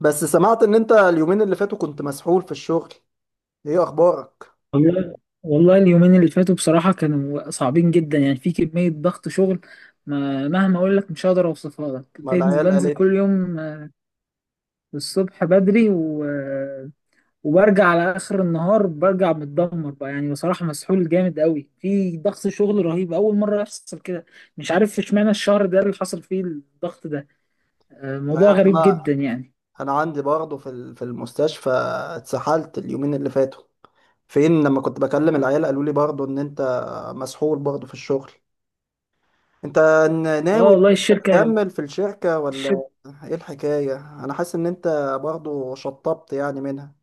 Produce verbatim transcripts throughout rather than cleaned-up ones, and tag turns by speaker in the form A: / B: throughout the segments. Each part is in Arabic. A: بس سمعت ان انت اليومين اللي فاتوا كنت مسحول في الشغل. ايه اخبارك؟
B: والله والله اليومين اللي فاتوا بصراحة كانوا صعبين جدا، يعني في كمية ضغط شغل. ما مهما أقول لك مش هقدر أوصفها لك.
A: ما
B: بنزل
A: العيال
B: بنزل
A: قالت لي.
B: كل يوم، آه، الصبح بدري و... آه، وبرجع على آخر النهار، برجع متدمر بقى. يعني بصراحة مسحول جامد قوي، في ضغط شغل رهيب، أول مرة يحصل كده. مش عارف اشمعنى الشهر ده اللي حصل فيه الضغط ده. آه،
A: مش
B: موضوع
A: عارف
B: غريب
A: انا.
B: جدا يعني.
A: انا عندي برضه في ال- في المستشفى، اتسحلت اليومين اللي فاتوا. فين لما كنت بكلم العيال قالوا لي برضه ان انت مسحول برضه في الشغل. انت ن-
B: اه
A: ناوي
B: والله الشركة.
A: تكمل في الشركة ولا
B: الشركة.
A: ايه الحكاية؟ انا حاسس ان انت برضه شطبت يعني منها.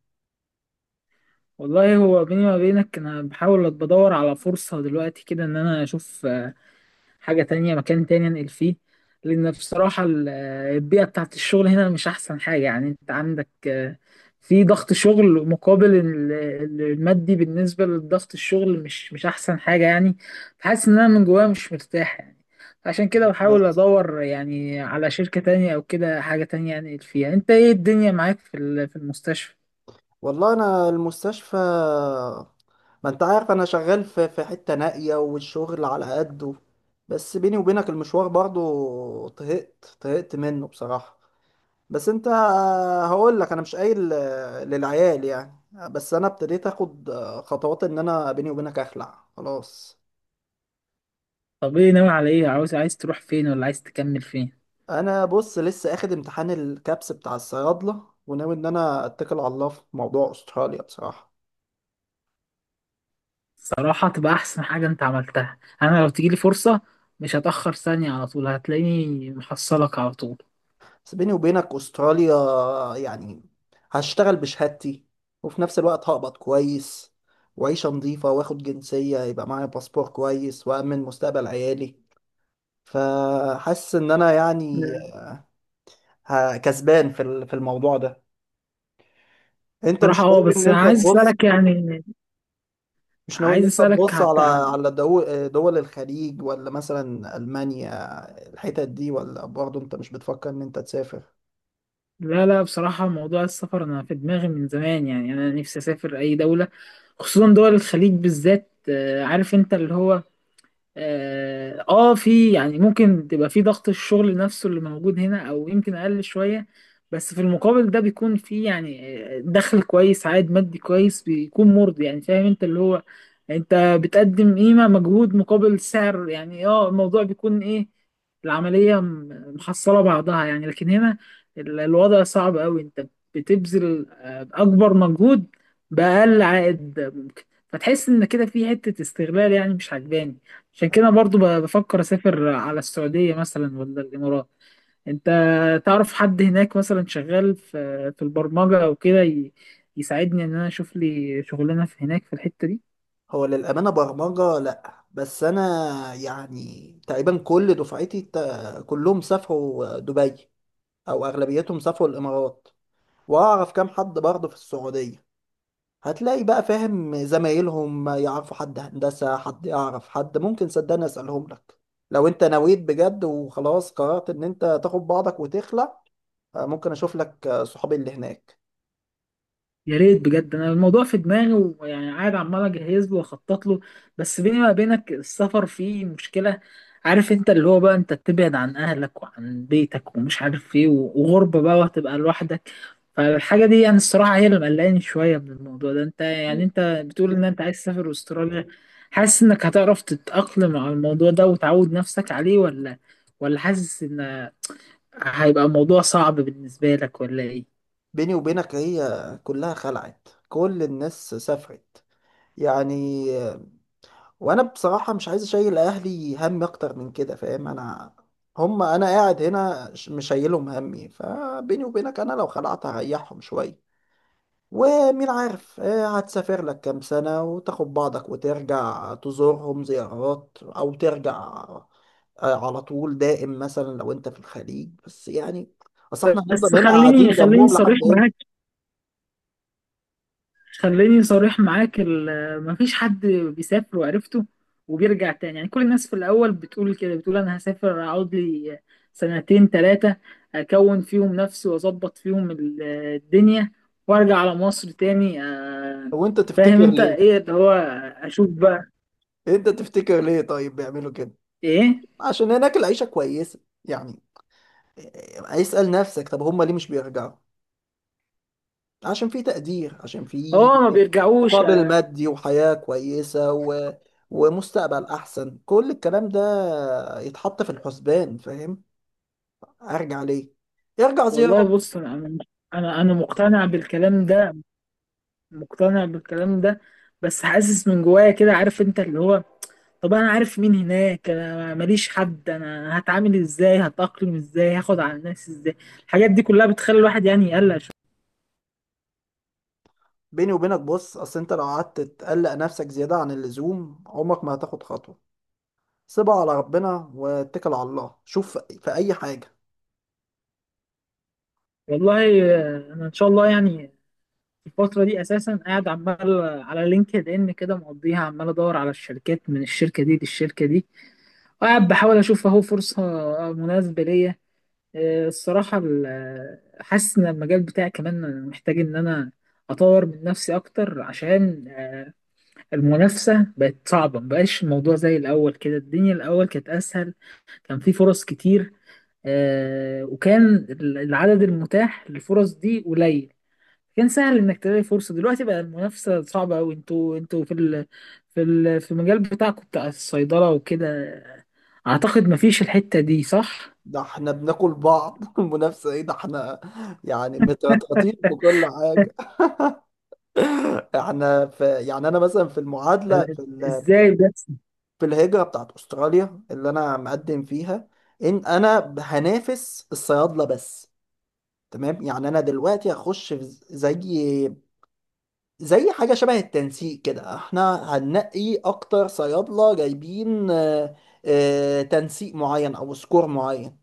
B: والله هو بيني وما بينك، أنا بحاول بدور على فرصة دلوقتي كده إن أنا أشوف حاجة تانية مكان تاني انقل فيه. لأن بصراحة ال- البيئة بتاعت الشغل هنا مش أحسن حاجة، يعني أنت عندك آه، في ضغط شغل مقابل ال- ال- المادي. بالنسبة لضغط الشغل مش مش أحسن حاجة يعني. فحاسس إن أنا من جوايا مش مرتاح يعني. عشان كده
A: أنا
B: بحاول
A: حاسس.
B: أدور يعني على شركة تانية أو كده حاجة تانية أنقل فيها. يعني أنت إيه الدنيا معاك في ال- في المستشفى؟
A: والله انا المستشفى، ما انت عارف انا شغال في في حتة نائية والشغل على قده. بس بيني وبينك المشوار برضو طهقت طهقت منه بصراحة. بس انت هقول لك انا مش قايل للعيال يعني. بس انا ابتديت اخد خطوات ان انا بيني وبينك اخلع خلاص.
B: طب إيه ناوي على إيه؟ عاوز عايز تروح فين ولا عايز تكمل فين؟
A: انا بص لسه اخد امتحان الكابس بتاع الصيادلة وناوي ان انا اتكل على الله في موضوع استراليا بصراحة.
B: صراحة تبقى أحسن حاجة أنت عملتها. أنا لو تجيلي فرصة مش هتأخر ثانية، على طول هتلاقيني محصلك على طول.
A: بس بيني وبينك استراليا يعني هشتغل بشهادتي، وفي نفس الوقت هقبض كويس وعيشة نظيفة واخد جنسية يبقى معايا باسبور كويس وأمن مستقبل عيالي. فحاسس إن أنا يعني ه- كسبان في ال- في الموضوع ده. أنت
B: بصراحة
A: مش
B: اه
A: ناوي إن
B: بس أنا
A: أنت
B: عايز
A: تبص،
B: أسألك يعني.
A: مش ناوي إن
B: عايز
A: أنت
B: أسألك
A: تبص على
B: حتى.
A: على دو- دول الخليج ولا مثلا ألمانيا، الحتت دي؟ ولا برضه أنت مش بتفكر إن أنت تسافر؟
B: لا لا، بصراحة موضوع السفر أنا في دماغي من زمان، يعني أنا نفسي أسافر أي دولة، خصوصا دول الخليج بالذات. آه، عارف أنت اللي هو. اه آه، في يعني ممكن تبقى في ضغط الشغل نفسه اللي موجود هنا او يمكن اقل شوية، بس في المقابل ده بيكون في يعني آه، دخل كويس، عائد مادي كويس بيكون مرضي يعني. فاهم انت اللي هو، انت بتقدم قيمة مجهود مقابل سعر. يعني اه الموضوع بيكون ايه، العملية م- محصلة بعضها يعني. لكن هنا ال- الوضع صعب قوي، انت بتبذل آه، اكبر مجهود بأقل عائد ممكن، فتحس ان كده في حتة استغلال يعني مش عجباني. عشان كده برضو ب- بفكر اسافر على السعودية مثلا ولا الامارات. انت تعرف حد هناك مثلا شغال في في البرمجة او كده ي- يساعدني ان انا اشوف لي شغلانة في هناك في الحتة دي.
A: هو للأمانة برمجة لأ، بس أنا يعني تقريبا كل دفعتي تا- كلهم سافروا دبي، أو أغلبيتهم سافروا الإمارات، وأعرف كام حد برضه في السعودية. هتلاقي بقى فاهم زمايلهم يعرفوا حد هندسة، حد يعرف حد، ممكن صدقني أسألهم لك. لو أنت نويت بجد وخلاص قررت إن أنت تاخد بعضك وتخلع، ممكن أشوف لك صحابي اللي هناك.
B: يا ريت بجد، انا الموضوع في دماغي ويعني قاعد عمال اجهز له واخطط له. بس بيني ما بينك السفر فيه مشكلة، عارف انت اللي هو بقى انت تبعد عن اهلك وعن بيتك ومش عارف ايه و- وغربة بقى وهتبقى لوحدك. فالحاجة دي يعني الصراحة هي اللي مقلقاني شوية من الموضوع ده. انت يعني انت بتقول ان انت عايز تسافر استراليا، حاسس انك هتعرف تتأقلم على الموضوع ده وتعود نفسك عليه ولا ولا حاسس ان هيبقى الموضوع صعب بالنسبة لك ولا ايه؟
A: بيني وبينك هي كلها خلعت، كل الناس سافرت يعني. وانا بصراحة مش عايز اشيل اهلي هم اكتر من كده، فاهم انا؟ هم انا قاعد هنا ش- مش شايلهم همي، فبيني وبينك انا لو خلعت هريحهم شوية. ومين عارف، آه، هتسافر لك كام سنة وتاخد بعضك وترجع تزورهم زيارات، او ترجع آه، على طول دائم مثلا لو انت في الخليج بس يعني. اصل احنا
B: بس
A: هنفضل هنا قاعدين
B: خليني خليني
A: جنبهم
B: صريح
A: لحد امتى؟
B: معاك، خليني صريح معاك. ال- مفيش حد بيسافر وعرفته وبيرجع تاني. يعني كل الناس في الأول بتقول كده، بتقول أنا هسافر أقعد لي سنتين تلاتة أكون فيهم نفسي وأظبط فيهم ال- الدنيا وأرجع على مصر تاني. آه،
A: وانت
B: فاهم
A: تفتكر
B: أنت
A: ليه؟
B: إيه اللي هو، أشوف بقى.
A: انت تفتكر ليه طيب بيعملوا كده؟
B: إيه؟
A: عشان هناك العيشة كويسة يعني. اسأل نفسك، طب هم ليه مش بيرجعوا؟ عشان في تقدير، عشان في
B: آه، ما بيرجعوش.
A: مقابل مادي وحياة كويسة و... ومستقبل أحسن، كل الكلام ده يتحط في الحسبان، فاهم؟ أرجع ليه؟ ارجع
B: والله
A: زيرو.
B: بص أنا أنا أنا مقتنع بالكلام ده، مقتنع بالكلام ده. بس حاسس من جوايا كده، عارف انت اللي هو. طب انا عارف مين هناك؟ انا ماليش حد. انا هتعامل ازاي؟ هتأقلم ازاي؟ هاخد على الناس ازاي؟ الحاجات دي كلها بتخلي الواحد يعني يقلق شوية.
A: بيني وبينك بص، أصل أنت لو قعدت تقلق نفسك زيادة عن اللزوم عمرك ما هتاخد خطوة. سيبها على ربنا واتكل على الله، شوف في أي حاجة.
B: والله آه، انا ان شاء الله يعني الفترة دي اساسا قاعد عمال على لينكد ان كده، مقضيها عمال ادور على الشركات، من الشركة دي للشركة دي، وقاعد بحاول اشوف اهو فرصة مناسبة ليا. آه، الصراحة ال- آه، حاسس إن المجال بتاعي كمان أنا محتاج إن أنا أطور من نفسي أكتر، عشان المنافسة بقت صعبة. مبقاش الموضوع زي الأول كده، الدنيا الأول كانت أسهل، كان في فرص كتير. آه، وكان ال- العدد المتاح للفرص دي قليل، كان سهل إنك تلاقي فرصة. دلوقتي بقى المنافسة صعبة أوي. أنتوا أنتوا في ال في ال في المجال بتاعكم بتاع الصيدلة وكده، أعتقد مفيش الحتة دي صح؟
A: ده احنا بناكل بعض المنافسة ايه، ده احنا يعني مترطرطين في كل حاجة. احنا في يعني انا مثلا في المعادله
B: آه،
A: في ال-
B: إزاي بس؟
A: في الهجره بتاعت استراليا اللي انا مقدم فيها، ان انا هنافس الصيادله بس، تمام؟ يعني انا دلوقتي هخش في زي زي حاجه شبه التنسيق كده، احنا هننقي اكتر صيادله جايبين آه، آه، تنسيق معين او سكور معين.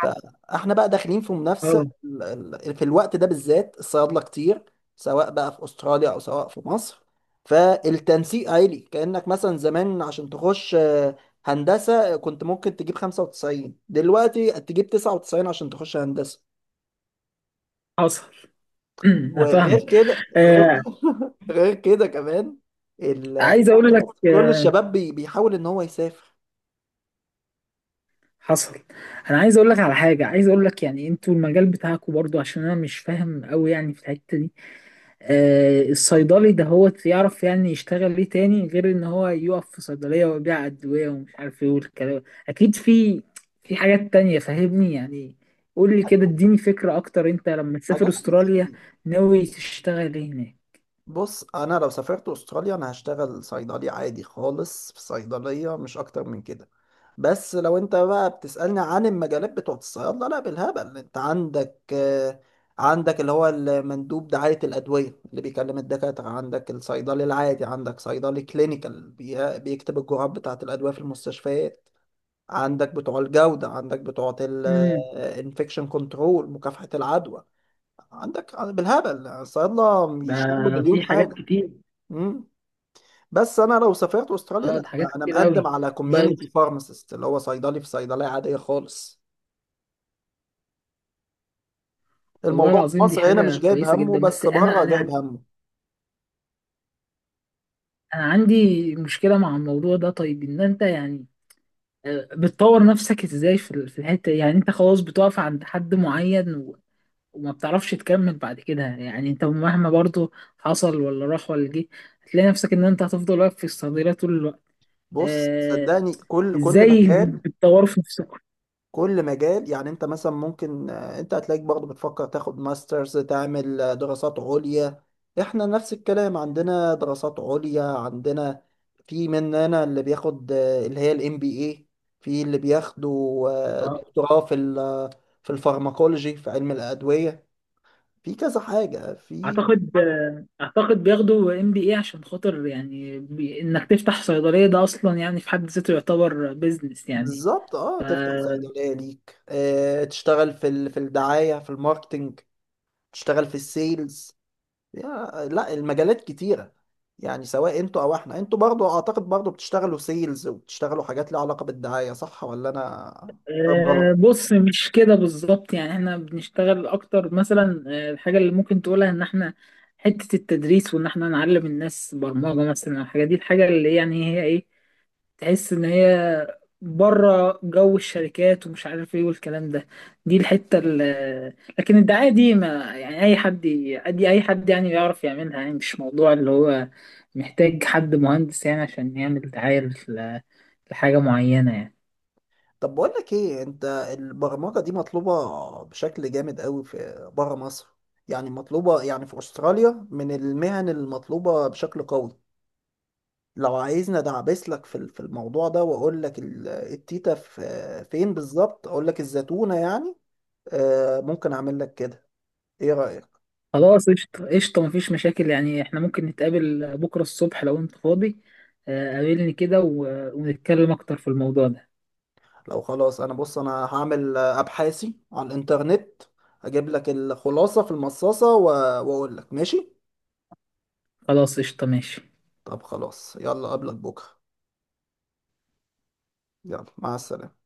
A: فاحنا بقى داخلين في منافسه ال- ال- في الوقت ده بالذات الصيادله كتير، سواء بقى في استراليا او سواء في مصر. فالتنسيق عالي، كانك مثلا زمان عشان تخش آه، هندسه آه، كنت ممكن تجيب خمسة وتسعين، دلوقتي تجيب تسعة وتسعين عشان تخش هندسه.
B: حصل. انا
A: وغير
B: فاهمك.
A: كده غير,
B: آه
A: غير كده كمان ال...
B: عايز اقول لك،
A: كل
B: آه
A: الشباب بي- بيحاول ان هو يسافر.
B: حصل. انا عايز اقول لك على حاجه، عايز اقول لك يعني انتوا المجال بتاعكم برضو، عشان انا مش فاهم قوي يعني في الحته دي. آه الصيدلي ده هو يعرف يعني يشتغل ليه تاني غير ان هو يقف في صيدليه ويبيع ادويه ومش عارف ايه والكلام؟ اكيد في في حاجات تانية فاهمني يعني. قول لي كده اديني فكره اكتر، انت لما تسافر
A: حاجات
B: استراليا
A: كتير.
B: ناوي تشتغل ايه هناك؟
A: بص انا لو سافرت استراليا انا هشتغل صيدلي عادي خالص في صيدليه، مش اكتر من كده. بس لو انت بقى بتسالني عن المجالات بتوعه الصيادله، لا بالهبل. انت عندك آه، عندك اللي هو المندوب دعايه الادويه اللي بيكلم الدكاتره، عندك الصيدلي العادي، عندك صيدلي كلينيكال بي- بيكتب الجرعات بتاعه الادويه في المستشفيات، عندك بتوع الجوده، عندك بتوع
B: امم.
A: الانفكشن كنترول مكافحه العدوى، عندك بالهبل الصيادله
B: ده
A: بيشتغلوا
B: في
A: مليون
B: حاجات
A: حاجه.
B: كتير.
A: مم. بس انا لو سافرت استراليا
B: اه، ده
A: لا
B: حاجات
A: لا، انا
B: كتير
A: مقدم
B: قوي
A: على
B: بقى.
A: كوميونتي فارماسيست، اللي هو صيدلي في صيدليه عاديه خالص.
B: والله
A: الموضوع في
B: العظيم دي
A: مصر هنا
B: حاجة
A: مش جايب
B: كويسة
A: همه،
B: جدا. بس
A: بس
B: انا
A: بره
B: انا
A: جايب
B: يعني،
A: همه.
B: انا عندي مشكلة مع الموضوع ده. طيب ان انت يعني آه، بتطور نفسك ازاي في ال- في الحتة دي؟ يعني انت خلاص بتقف عند حد معين و- وما بتعرفش تكمل بعد كده؟ يعني انت مهما برضو حصل ولا راح ولا جه، هتلاقي نفسك ان انت هتفضل واقف في الصدارة طول الوقت.
A: بص
B: آه.
A: صدقني كل كل
B: ازاي
A: مكان،
B: بتطور في نفسك؟
A: كل مجال، يعني انت مثلا ممكن آه، انت هتلاقيك برضه بتفكر تاخد ماسترز، تعمل آه، دراسات عليا. احنا نفس الكلام، عندنا دراسات عليا، عندنا في مننا اللي بياخد آه، اللي هي الام بي اي، في اللي بياخدوا آه،
B: آه.
A: دكتوراه في ال- آه، في الفارماكولوجي، في علم الأدوية، في كذا حاجة في.
B: اعتقد اعتقد بياخدوا ام بي اي عشان خاطر يعني بي... انك تفتح صيدليه ده اصلا يعني في حد ذاته يعتبر بيزنس يعني.
A: بالظبط، اه تفتح صيدلية ليك، آه، تشتغل في ال- في الدعاية، في الماركتينج، تشتغل في السيلز. يا- لا المجالات كتيرة، يعني سواء انتوا او احنا. انتوا برضو اعتقد برضو بتشتغلوا سيلز وبتشتغلوا حاجات ليها علاقة بالدعاية، صح ولا انا فاهم
B: أه
A: غلط؟
B: بص، مش كده بالظبط. يعني احنا بنشتغل اكتر مثلا، آه، الحاجه اللي ممكن تقولها ان احنا حته التدريس وان احنا نعلم الناس برمجه مثلا. الحاجه دي الحاجه اللي يعني هي ايه، تحس ان هي بره جو الشركات ومش عارف ايه والكلام ده. دي الحته ال- لكن الدعايه دي ما يعني، اي حد ي- دي اي حد يعني يعرف يعملها. يعني مش موضوع اللي هو محتاج حد مهندس يعني عشان يعمل دعايه ل- لحاجه معينه يعني.
A: طب بقول لك ايه، انت البرمجة دي مطلوبة بشكل جامد قوي في بره مصر، يعني مطلوبة يعني في استراليا من المهن المطلوبة بشكل قوي. لو عايزني ادعبس لك في في الموضوع ده واقول لك ال- التيتا في فين بالظبط، اقول لك الزتونة يعني. آه، ممكن اعمل لك كده، ايه رأيك؟
B: خلاص قشطه قشطه مفيش مشاكل. يعني احنا ممكن نتقابل بكره الصبح لو انت فاضي. آه، قابلني كده و- ونتكلم اكتر في الموضوع ده.
A: لو خلاص انا بص انا هعمل ابحاثي على الانترنت، اجيب لك الخلاصة في المصاصة و- واقول لك ماشي.
B: خلاص قشطه ماشي.
A: طب خلاص يلا قبلك بكرة. يلا مع السلامة.